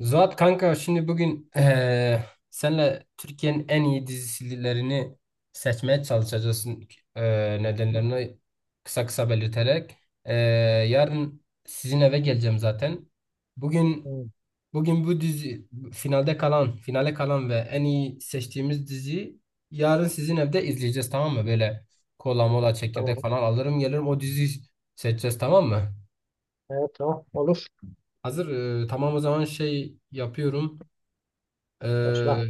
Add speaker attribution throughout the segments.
Speaker 1: Zuhat kanka şimdi bugün senle Türkiye'nin en iyi dizilerini seçmeye çalışacağız. Nedenlerini kısa kısa belirterek. Eee, Yarın sizin eve geleceğim zaten. Bugün
Speaker 2: Hmm,
Speaker 1: bugün bu dizi finalde kalan, finale kalan ve en iyi seçtiğimiz diziyi yarın sizin evde izleyeceğiz, tamam mı? Böyle kola
Speaker 2: evet,
Speaker 1: mola çekirdek
Speaker 2: tamam.
Speaker 1: falan alırım, gelirim, o diziyi seçeceğiz, tamam mı?
Speaker 2: Evet tamam olur.
Speaker 1: Hazır tamam, o zaman şey yapıyorum.
Speaker 2: Başla.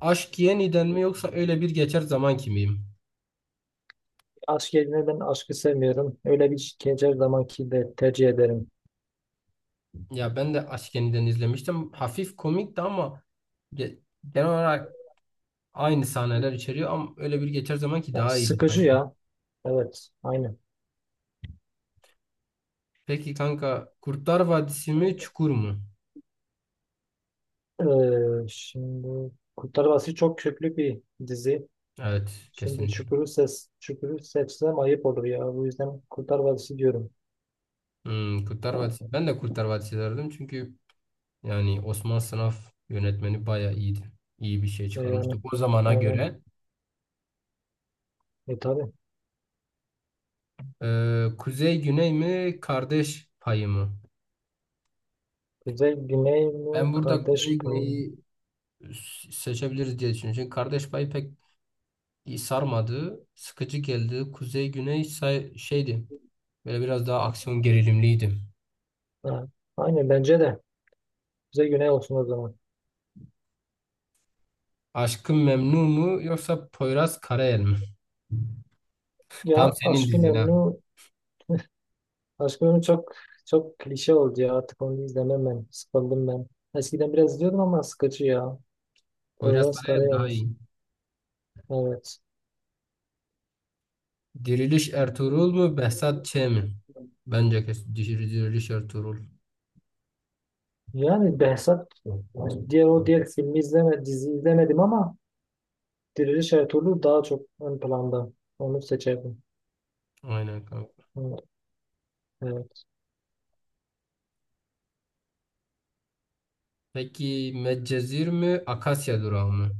Speaker 1: Aşk Yeniden mi yoksa öyle bir geçer zaman kimiyim?
Speaker 2: Aşk yerine ben aşkı sevmiyorum. Öyle bir şikayet her zamanki de tercih ederim.
Speaker 1: Ya ben de Aşk Yeniden izlemiştim. Hafif komikti ama ge- genel olarak aynı sahneler içeriyor, ama öyle bir geçer zaman ki
Speaker 2: Ya,
Speaker 1: daha iyiydi
Speaker 2: sıkıcı
Speaker 1: sanki.
Speaker 2: ya. Evet aynı.
Speaker 1: Peki kanka, Kurtlar Vadisi mi Çukur mu?
Speaker 2: Şimdi Kurtlar Vadisi çok köklü bir dizi.
Speaker 1: Evet,
Speaker 2: Şimdi
Speaker 1: kesinlikle.
Speaker 2: Çukur'u seçsem ayıp olur ya. Bu yüzden Kurtlar Vadisi diyorum.
Speaker 1: Hmm, Kurtlar Vadisi. Ben de Kurtlar Vadisi derdim, çünkü yani Osman Sınav yönetmeni bayağı iyiydi. İyi bir şey
Speaker 2: Yani
Speaker 1: çıkarmıştı o zamana
Speaker 2: aynen.
Speaker 1: göre.
Speaker 2: E tabii.
Speaker 1: Kuzey Güney mi kardeş payı mı?
Speaker 2: Kuzey Güney mi?
Speaker 1: Ben burada Kuzey
Speaker 2: Kardeş payı.
Speaker 1: Güney'i seçebiliriz diye düşünüyorum. Çünkü kardeş payı pek iyi sarmadı. Sıkıcı geldi. Kuzey Güney şeydi. Böyle biraz daha aksiyon gerilimliydi.
Speaker 2: Ha, Aynen bence de. Kuzey Güney olsun o zaman.
Speaker 1: Aşkın Memnu mu yoksa Poyraz Karayel mi? Tam
Speaker 2: Ya
Speaker 1: senin
Speaker 2: aşkın
Speaker 1: dizin ha.
Speaker 2: emni Aşkım çok çok klişe oldu ya artık onu izlemem ben. Sıkıldım ben. Eskiden biraz izliyordum ama sıkıcı ya.
Speaker 1: Poyraz
Speaker 2: Poyraz
Speaker 1: Karayel daha
Speaker 2: Karayolası.
Speaker 1: iyi.
Speaker 2: Evet.
Speaker 1: Diriliş Ertuğrul mu Behzat Ç mi? Bence kesin Diriliş Ertuğrul.
Speaker 2: Yani Behzat, diğer filmi izleme, dizi izlemedim ama Diriliş Ertuğrul daha çok ön planda. Onu seçerdim.
Speaker 1: Aynen kanka.
Speaker 2: Evet, evet.
Speaker 1: Peki Medcezir mi Akasya Durağı mı?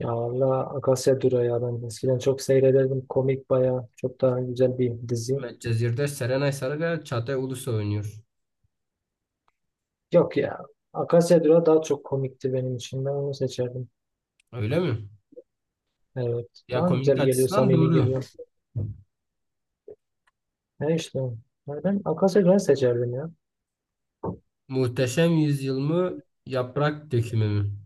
Speaker 2: Ya Allah Akasya Dura ya ben eskiden çok seyrederdim. Komik baya çok daha güzel bir dizi.
Speaker 1: Medcezir'de Serenay Sarıkaya, Çağatay Ulusoy oynuyor.
Speaker 2: Yok ya. Akasya Dura daha çok komikti benim için. Ben onu seçerdim.
Speaker 1: Öyle mi?
Speaker 2: Evet.
Speaker 1: Ya
Speaker 2: Daha
Speaker 1: komik
Speaker 2: güzel geliyor,
Speaker 1: açısından
Speaker 2: samimi
Speaker 1: doğru.
Speaker 2: geliyor. Ne işte. Yani ben Akasya Güven'i seçerdim ya.
Speaker 1: Muhteşem Yüzyıl mı? Yaprak Dökümü mü?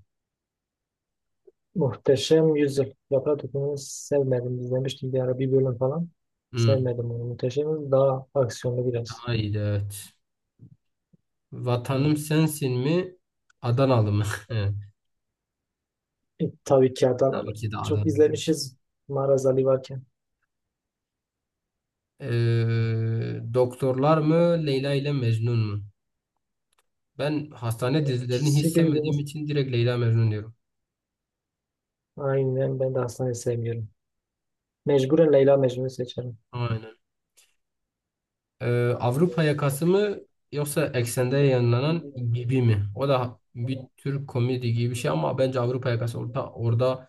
Speaker 2: Muhteşem Yüzyıl. Yaprak Dökümü'nü sevmedim. İzlemiştim bir ara bir bölüm falan.
Speaker 1: Hı.
Speaker 2: Sevmedim onu. Muhteşem Yüzyıl daha aksiyonlu biraz.
Speaker 1: Haydi, evet.
Speaker 2: Hı.
Speaker 1: Vatanım Sensin mi? Adanalı mı? Evet,
Speaker 2: E, tabii ki
Speaker 1: tabii
Speaker 2: Adanalı.
Speaker 1: ki de
Speaker 2: Çok
Speaker 1: Adanalı.
Speaker 2: izlemişiz Maraz Ali varken.
Speaker 1: Doktorlar mı? Leyla ile Mecnun mu? Ben hastane dizilerini hiç
Speaker 2: İkisi birbirini.
Speaker 1: sevmediğim için direkt Leyla Mecnun diyorum.
Speaker 2: Aynen ben de Aslan'ı sevmiyorum. Mecburen Leyla Mecnun'u seçerim.
Speaker 1: Aynen. Ee, Avrupa yakası mı yoksa eksende yayınlanan gibi mi? O da bir tür komedi gibi bir şey, ama bence Avrupa yakası, orada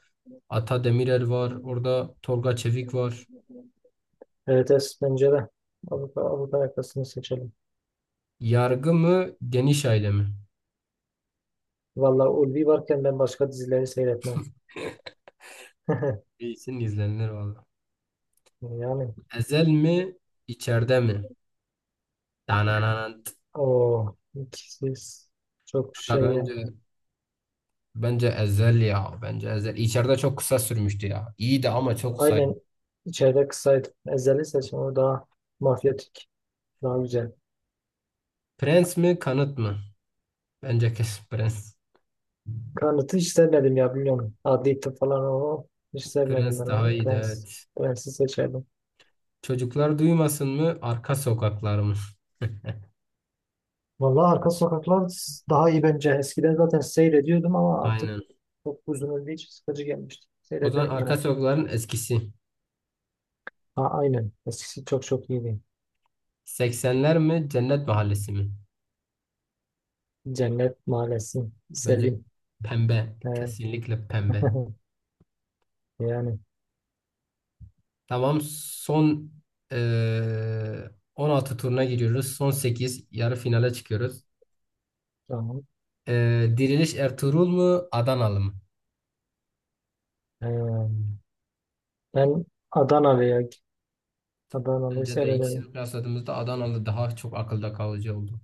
Speaker 1: Ata Demirer var, orada Tolga Çevik var.
Speaker 2: Evet, evet bence de. Avrupa yakasını seçelim.
Speaker 1: Yargı mı, Geniş Aile mi?
Speaker 2: Vallahi Ulvi varken ben başka dizileri seyretmem.
Speaker 1: İyisin, izlenir valla.
Speaker 2: Yani
Speaker 1: Ezel mi, içeride mi? Dananant.
Speaker 2: o ikisiz çok
Speaker 1: Kanka
Speaker 2: şey. Ya.
Speaker 1: bence Ezel ya. Bence Ezel. İçeride çok kısa sürmüştü ya. İyiydi ama çok kısa.
Speaker 2: Aynen içeride kısaydı. Ezeli seçim o daha mafyatik. Daha güzel.
Speaker 1: Prens mi, Kanıt mı? Bence kesin Prens.
Speaker 2: Kanıt'ı hiç sevmedim ya biliyorum. Adli tıp falan o. Hiç sevmedim ben
Speaker 1: Prens daha
Speaker 2: onu.
Speaker 1: iyiydi,
Speaker 2: Prens.
Speaker 1: evet.
Speaker 2: Prens'i seçerdim.
Speaker 1: Çocuklar duymasın mı? Arka sokaklar mı?
Speaker 2: Vallahi Arka Sokaklar daha iyi bence. Eskiden zaten seyrediyordum ama artık
Speaker 1: Aynen.
Speaker 2: çok uzun olduğu için sıkıcı gelmişti.
Speaker 1: O zaman
Speaker 2: Seyrederim
Speaker 1: arka
Speaker 2: yine.
Speaker 1: sokakların eskisi.
Speaker 2: Ha, aynen. Eskisi çok çok iyiydi.
Speaker 1: Seksenler mi? Cennet Mahallesi mi?
Speaker 2: Cennet Mahallesi.
Speaker 1: Bence
Speaker 2: Selim.
Speaker 1: pembe.
Speaker 2: Ee,
Speaker 1: Kesinlikle pembe.
Speaker 2: yani
Speaker 1: Tamam. Son eee 16 turuna giriyoruz. Son sekiz. Yarı finale çıkıyoruz.
Speaker 2: tamam.
Speaker 1: Diriliş Ertuğrul mu? Adanalı mı?
Speaker 2: Ee, Ben Adanalı'ya Adanalı'yı
Speaker 1: Bence de ikisini
Speaker 2: seyrederim.
Speaker 1: kıyasladığımızda Adanalı daha çok akılda kalıcı oldu.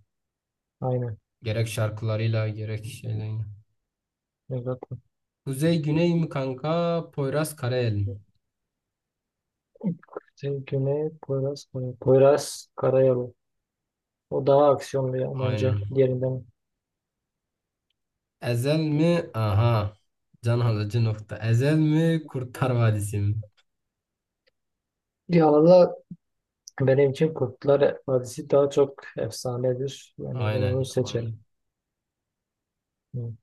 Speaker 2: Aynen.
Speaker 1: Gerek şarkılarıyla gerek şeyleriyle.
Speaker 2: Evet.
Speaker 1: Kuzey Güney mi kanka? Poyraz Karayel mi?
Speaker 2: Poyraz Karayolu. O daha aksiyonlu ya bence
Speaker 1: Aynen.
Speaker 2: diğerinden.
Speaker 1: Ezel mi? Aha. Can alıcı nokta. Ezel mi? Kurtlar Vadisi mi?
Speaker 2: Ya valla benim için Kurtlar Vadisi daha çok efsanedir. Yani ben
Speaker 1: Aynen
Speaker 2: onu
Speaker 1: ya, aynen.
Speaker 2: seçerim. Hı.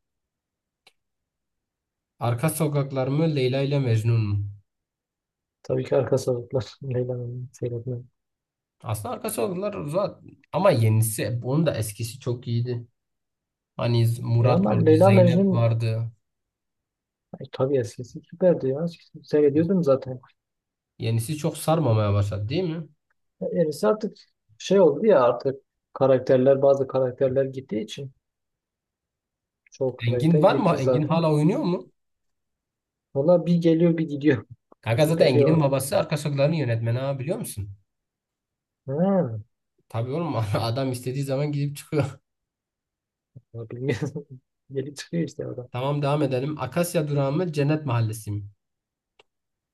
Speaker 1: Arka sokaklar mı? Leyla ile Mecnun mu?
Speaker 2: Tabii ki arka sokaklar. Leyla'nın seyretmem.
Speaker 1: Aslında arka sokaklar zaten. Ama yenisi. Onun da eskisi çok iyiydi. Hani
Speaker 2: Ya
Speaker 1: Murat
Speaker 2: ama
Speaker 1: vardı.
Speaker 2: Leyla
Speaker 1: Zeynep
Speaker 2: Mecnun
Speaker 1: vardı.
Speaker 2: ay, tabii eskisi süperdi ya. Eskisini seyrediyordum zaten.
Speaker 1: Yenisi çok sarmamaya başladı değil mi?
Speaker 2: Yenisi artık şey oldu ya, artık bazı karakterler gittiği için çoğu karakter
Speaker 1: Engin var mı?
Speaker 2: gitti
Speaker 1: Engin
Speaker 2: zaten.
Speaker 1: hala oynuyor mu?
Speaker 2: Valla bir geliyor bir gidiyor.
Speaker 1: Kanka zaten
Speaker 2: Şüpheli
Speaker 1: Engin'in
Speaker 2: o.
Speaker 1: babası arka sokakların yönetmeni, ha, biliyor musun?
Speaker 2: Ha,
Speaker 1: Tabii oğlum, adam istediği zaman gidip çıkıyor.
Speaker 2: ya bilmiyorum. Gelip çıkıyor işte orada.
Speaker 1: Tamam, devam edelim. Akasya durağı mı? Cennet Mahallesi mi?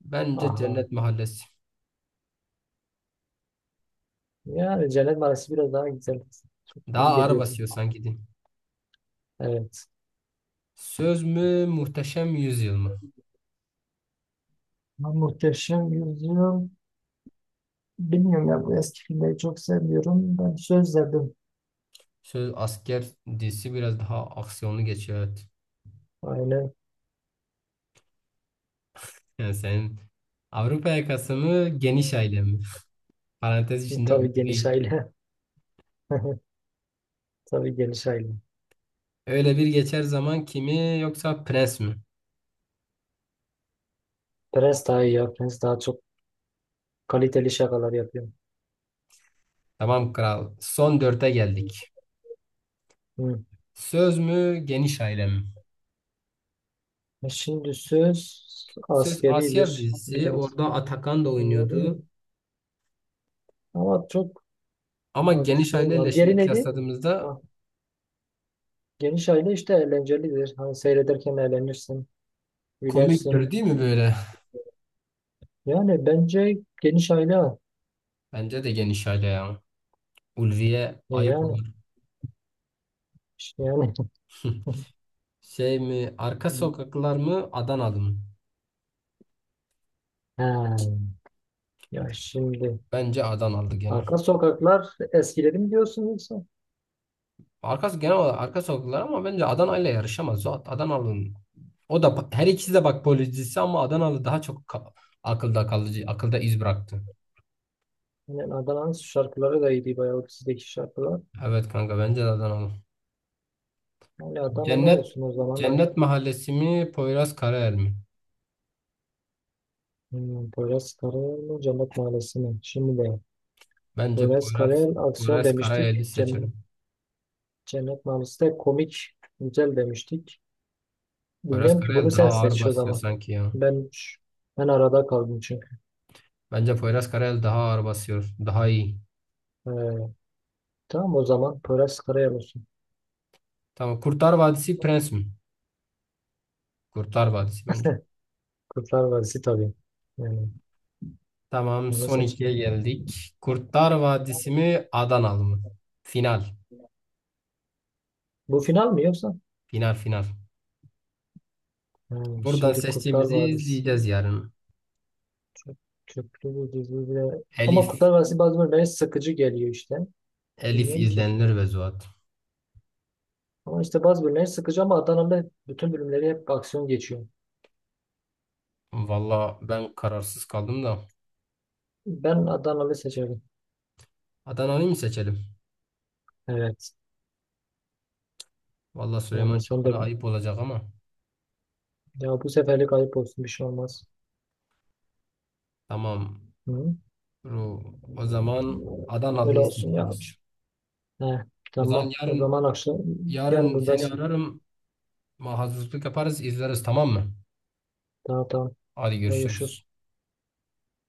Speaker 1: Bence
Speaker 2: Aha.
Speaker 1: Cennet Mahallesi.
Speaker 2: Yani Cennet Mahallesi biraz daha güzel. Çok iyi
Speaker 1: Daha ağır
Speaker 2: geliyordu.
Speaker 1: basıyor sanki din.
Speaker 2: Evet.
Speaker 1: Söz mü Muhteşem Yüzyıl mı?
Speaker 2: Ya Muhteşem Yüzyıl. Bilmiyorum ya bu eski filmleri çok sevmiyorum. Ben söz verdim.
Speaker 1: Söz asker dizisi biraz daha aksiyonlu geçiyor, evet.
Speaker 2: Aynen.
Speaker 1: Yani senin Avrupa yakası mı geniş aile mi? Parantez içinde
Speaker 2: Tabii geniş
Speaker 1: ulvi.
Speaker 2: aile. Tabii geniş aile.
Speaker 1: Öyle bir geçer zaman kimi yoksa prens mi?
Speaker 2: Prens daha iyi ya. Prens daha çok kaliteli şakalar yapıyor.
Speaker 1: Tamam kral. Son dörde geldik.
Speaker 2: Hı.
Speaker 1: Söz mü geniş aile mi?
Speaker 2: E şimdi söz
Speaker 1: Söz asker
Speaker 2: askeridir
Speaker 1: dizisi.
Speaker 2: biraz.
Speaker 1: Orada Atakan da
Speaker 2: Bunları...
Speaker 1: oynuyordu.
Speaker 2: Ama çok
Speaker 1: Ama geniş
Speaker 2: aksiyon
Speaker 1: aileyle
Speaker 2: var. Diğeri
Speaker 1: şimdi
Speaker 2: neydi?
Speaker 1: kıyasladığımızda
Speaker 2: Ha, geniş aile işte eğlencelidir. Hani seyrederken eğlenirsin,
Speaker 1: komiktir
Speaker 2: gülersin.
Speaker 1: değil mi böyle?
Speaker 2: Yani bence geniş aile.
Speaker 1: Bence de geniş aile ya. Ulviye
Speaker 2: E
Speaker 1: ayıp
Speaker 2: yani.
Speaker 1: olur.
Speaker 2: İşte yani.
Speaker 1: Şey mi? Arka sokaklar mı? Adanalı mı?
Speaker 2: Ha, ya şimdi
Speaker 1: Bence Adanalı gene.
Speaker 2: arka sokaklar eskileri mi diyorsun yoksa?
Speaker 1: Arkası genel olarak arka sokaklar, ama bence Adana ile yarışamaz. O Adanalı'nın, o da her ikisi de, bak, policisi, ama Adanalı daha çok akılda kalıcı, akılda iz bıraktı.
Speaker 2: Yani Adana'nın şarkıları da iyiydi bayağı o dizideki şarkılar.
Speaker 1: Evet kanka, bence de Adanalı.
Speaker 2: Onlardan ne
Speaker 1: Cennet
Speaker 2: olsun o zaman ha.
Speaker 1: Cennet Mahallesi mi? Poyraz Karayel mi?
Speaker 2: Hmm, Poyraz Karayel mi Cennet Mahallesi mi? Şimdi de
Speaker 1: Bence
Speaker 2: Poyraz Karayel aksiyon
Speaker 1: Poyraz
Speaker 2: demiştik.
Speaker 1: Karayel'i seçelim.
Speaker 2: Cennet Mahallesi de komik güzel demiştik.
Speaker 1: Poyraz
Speaker 2: Bilmiyorum ki bunu
Speaker 1: Karayel daha
Speaker 2: sen
Speaker 1: ağır
Speaker 2: seç o
Speaker 1: basıyor
Speaker 2: zaman.
Speaker 1: sanki ya.
Speaker 2: Ben ben arada kaldım çünkü.
Speaker 1: Bence Poyraz Karayel daha ağır basıyor. Daha iyi.
Speaker 2: Ee, tamam o zaman Poyraz Karayel olsun.
Speaker 1: Tamam. Kurtlar Vadisi Prens mi? Kurtlar Vadisi bence.
Speaker 2: Kurtlar Vadisi tabii. Yani
Speaker 1: Tamam.
Speaker 2: onu
Speaker 1: Son ikiye
Speaker 2: seçeyim.
Speaker 1: geldik. Kurtlar Vadisi mi? Adanalı mı? Final.
Speaker 2: Bu final mi yoksa?
Speaker 1: Final final.
Speaker 2: Hmm,
Speaker 1: Buradan
Speaker 2: şimdi Kurtlar
Speaker 1: seçtiğimizi
Speaker 2: Vadisi
Speaker 1: izleyeceğiz yarın.
Speaker 2: çok köklü bir dizi bile- Ama
Speaker 1: Elif.
Speaker 2: Kurtlar Vadisi bazı bölümleri sıkıcı geliyor işte.
Speaker 1: Elif
Speaker 2: Bilmiyorum ki.
Speaker 1: izlenir ve Zuhat.
Speaker 2: Ama işte bazı bölümleri sıkıcı ama Adanalı bütün bölümleri hep aksiyon geçiyor.
Speaker 1: Valla ben kararsız kaldım da.
Speaker 2: Ben Adanalı seçerim.
Speaker 1: Adana'yı mı seçelim?
Speaker 2: Evet.
Speaker 1: Valla
Speaker 2: Yani
Speaker 1: Süleyman
Speaker 2: sen de
Speaker 1: Çakır'a ayıp olacak ama.
Speaker 2: ya bu seferlik ayıp olsun bir şey olmaz.
Speaker 1: Tamam.
Speaker 2: Hı?
Speaker 1: Ru- O zaman
Speaker 2: Öyle
Speaker 1: Adanalı'yı
Speaker 2: olsun ya.
Speaker 1: seçiyoruz.
Speaker 2: Heh,
Speaker 1: O
Speaker 2: tamam.
Speaker 1: zaman
Speaker 2: O
Speaker 1: yarın
Speaker 2: zaman akşam yarın
Speaker 1: seni
Speaker 2: buradasın.
Speaker 1: ararım. Ama hazırlık yaparız, izleriz, tamam mı?
Speaker 2: Tamam tamam.
Speaker 1: Hadi
Speaker 2: Görüşürüz.
Speaker 1: görüşürüz.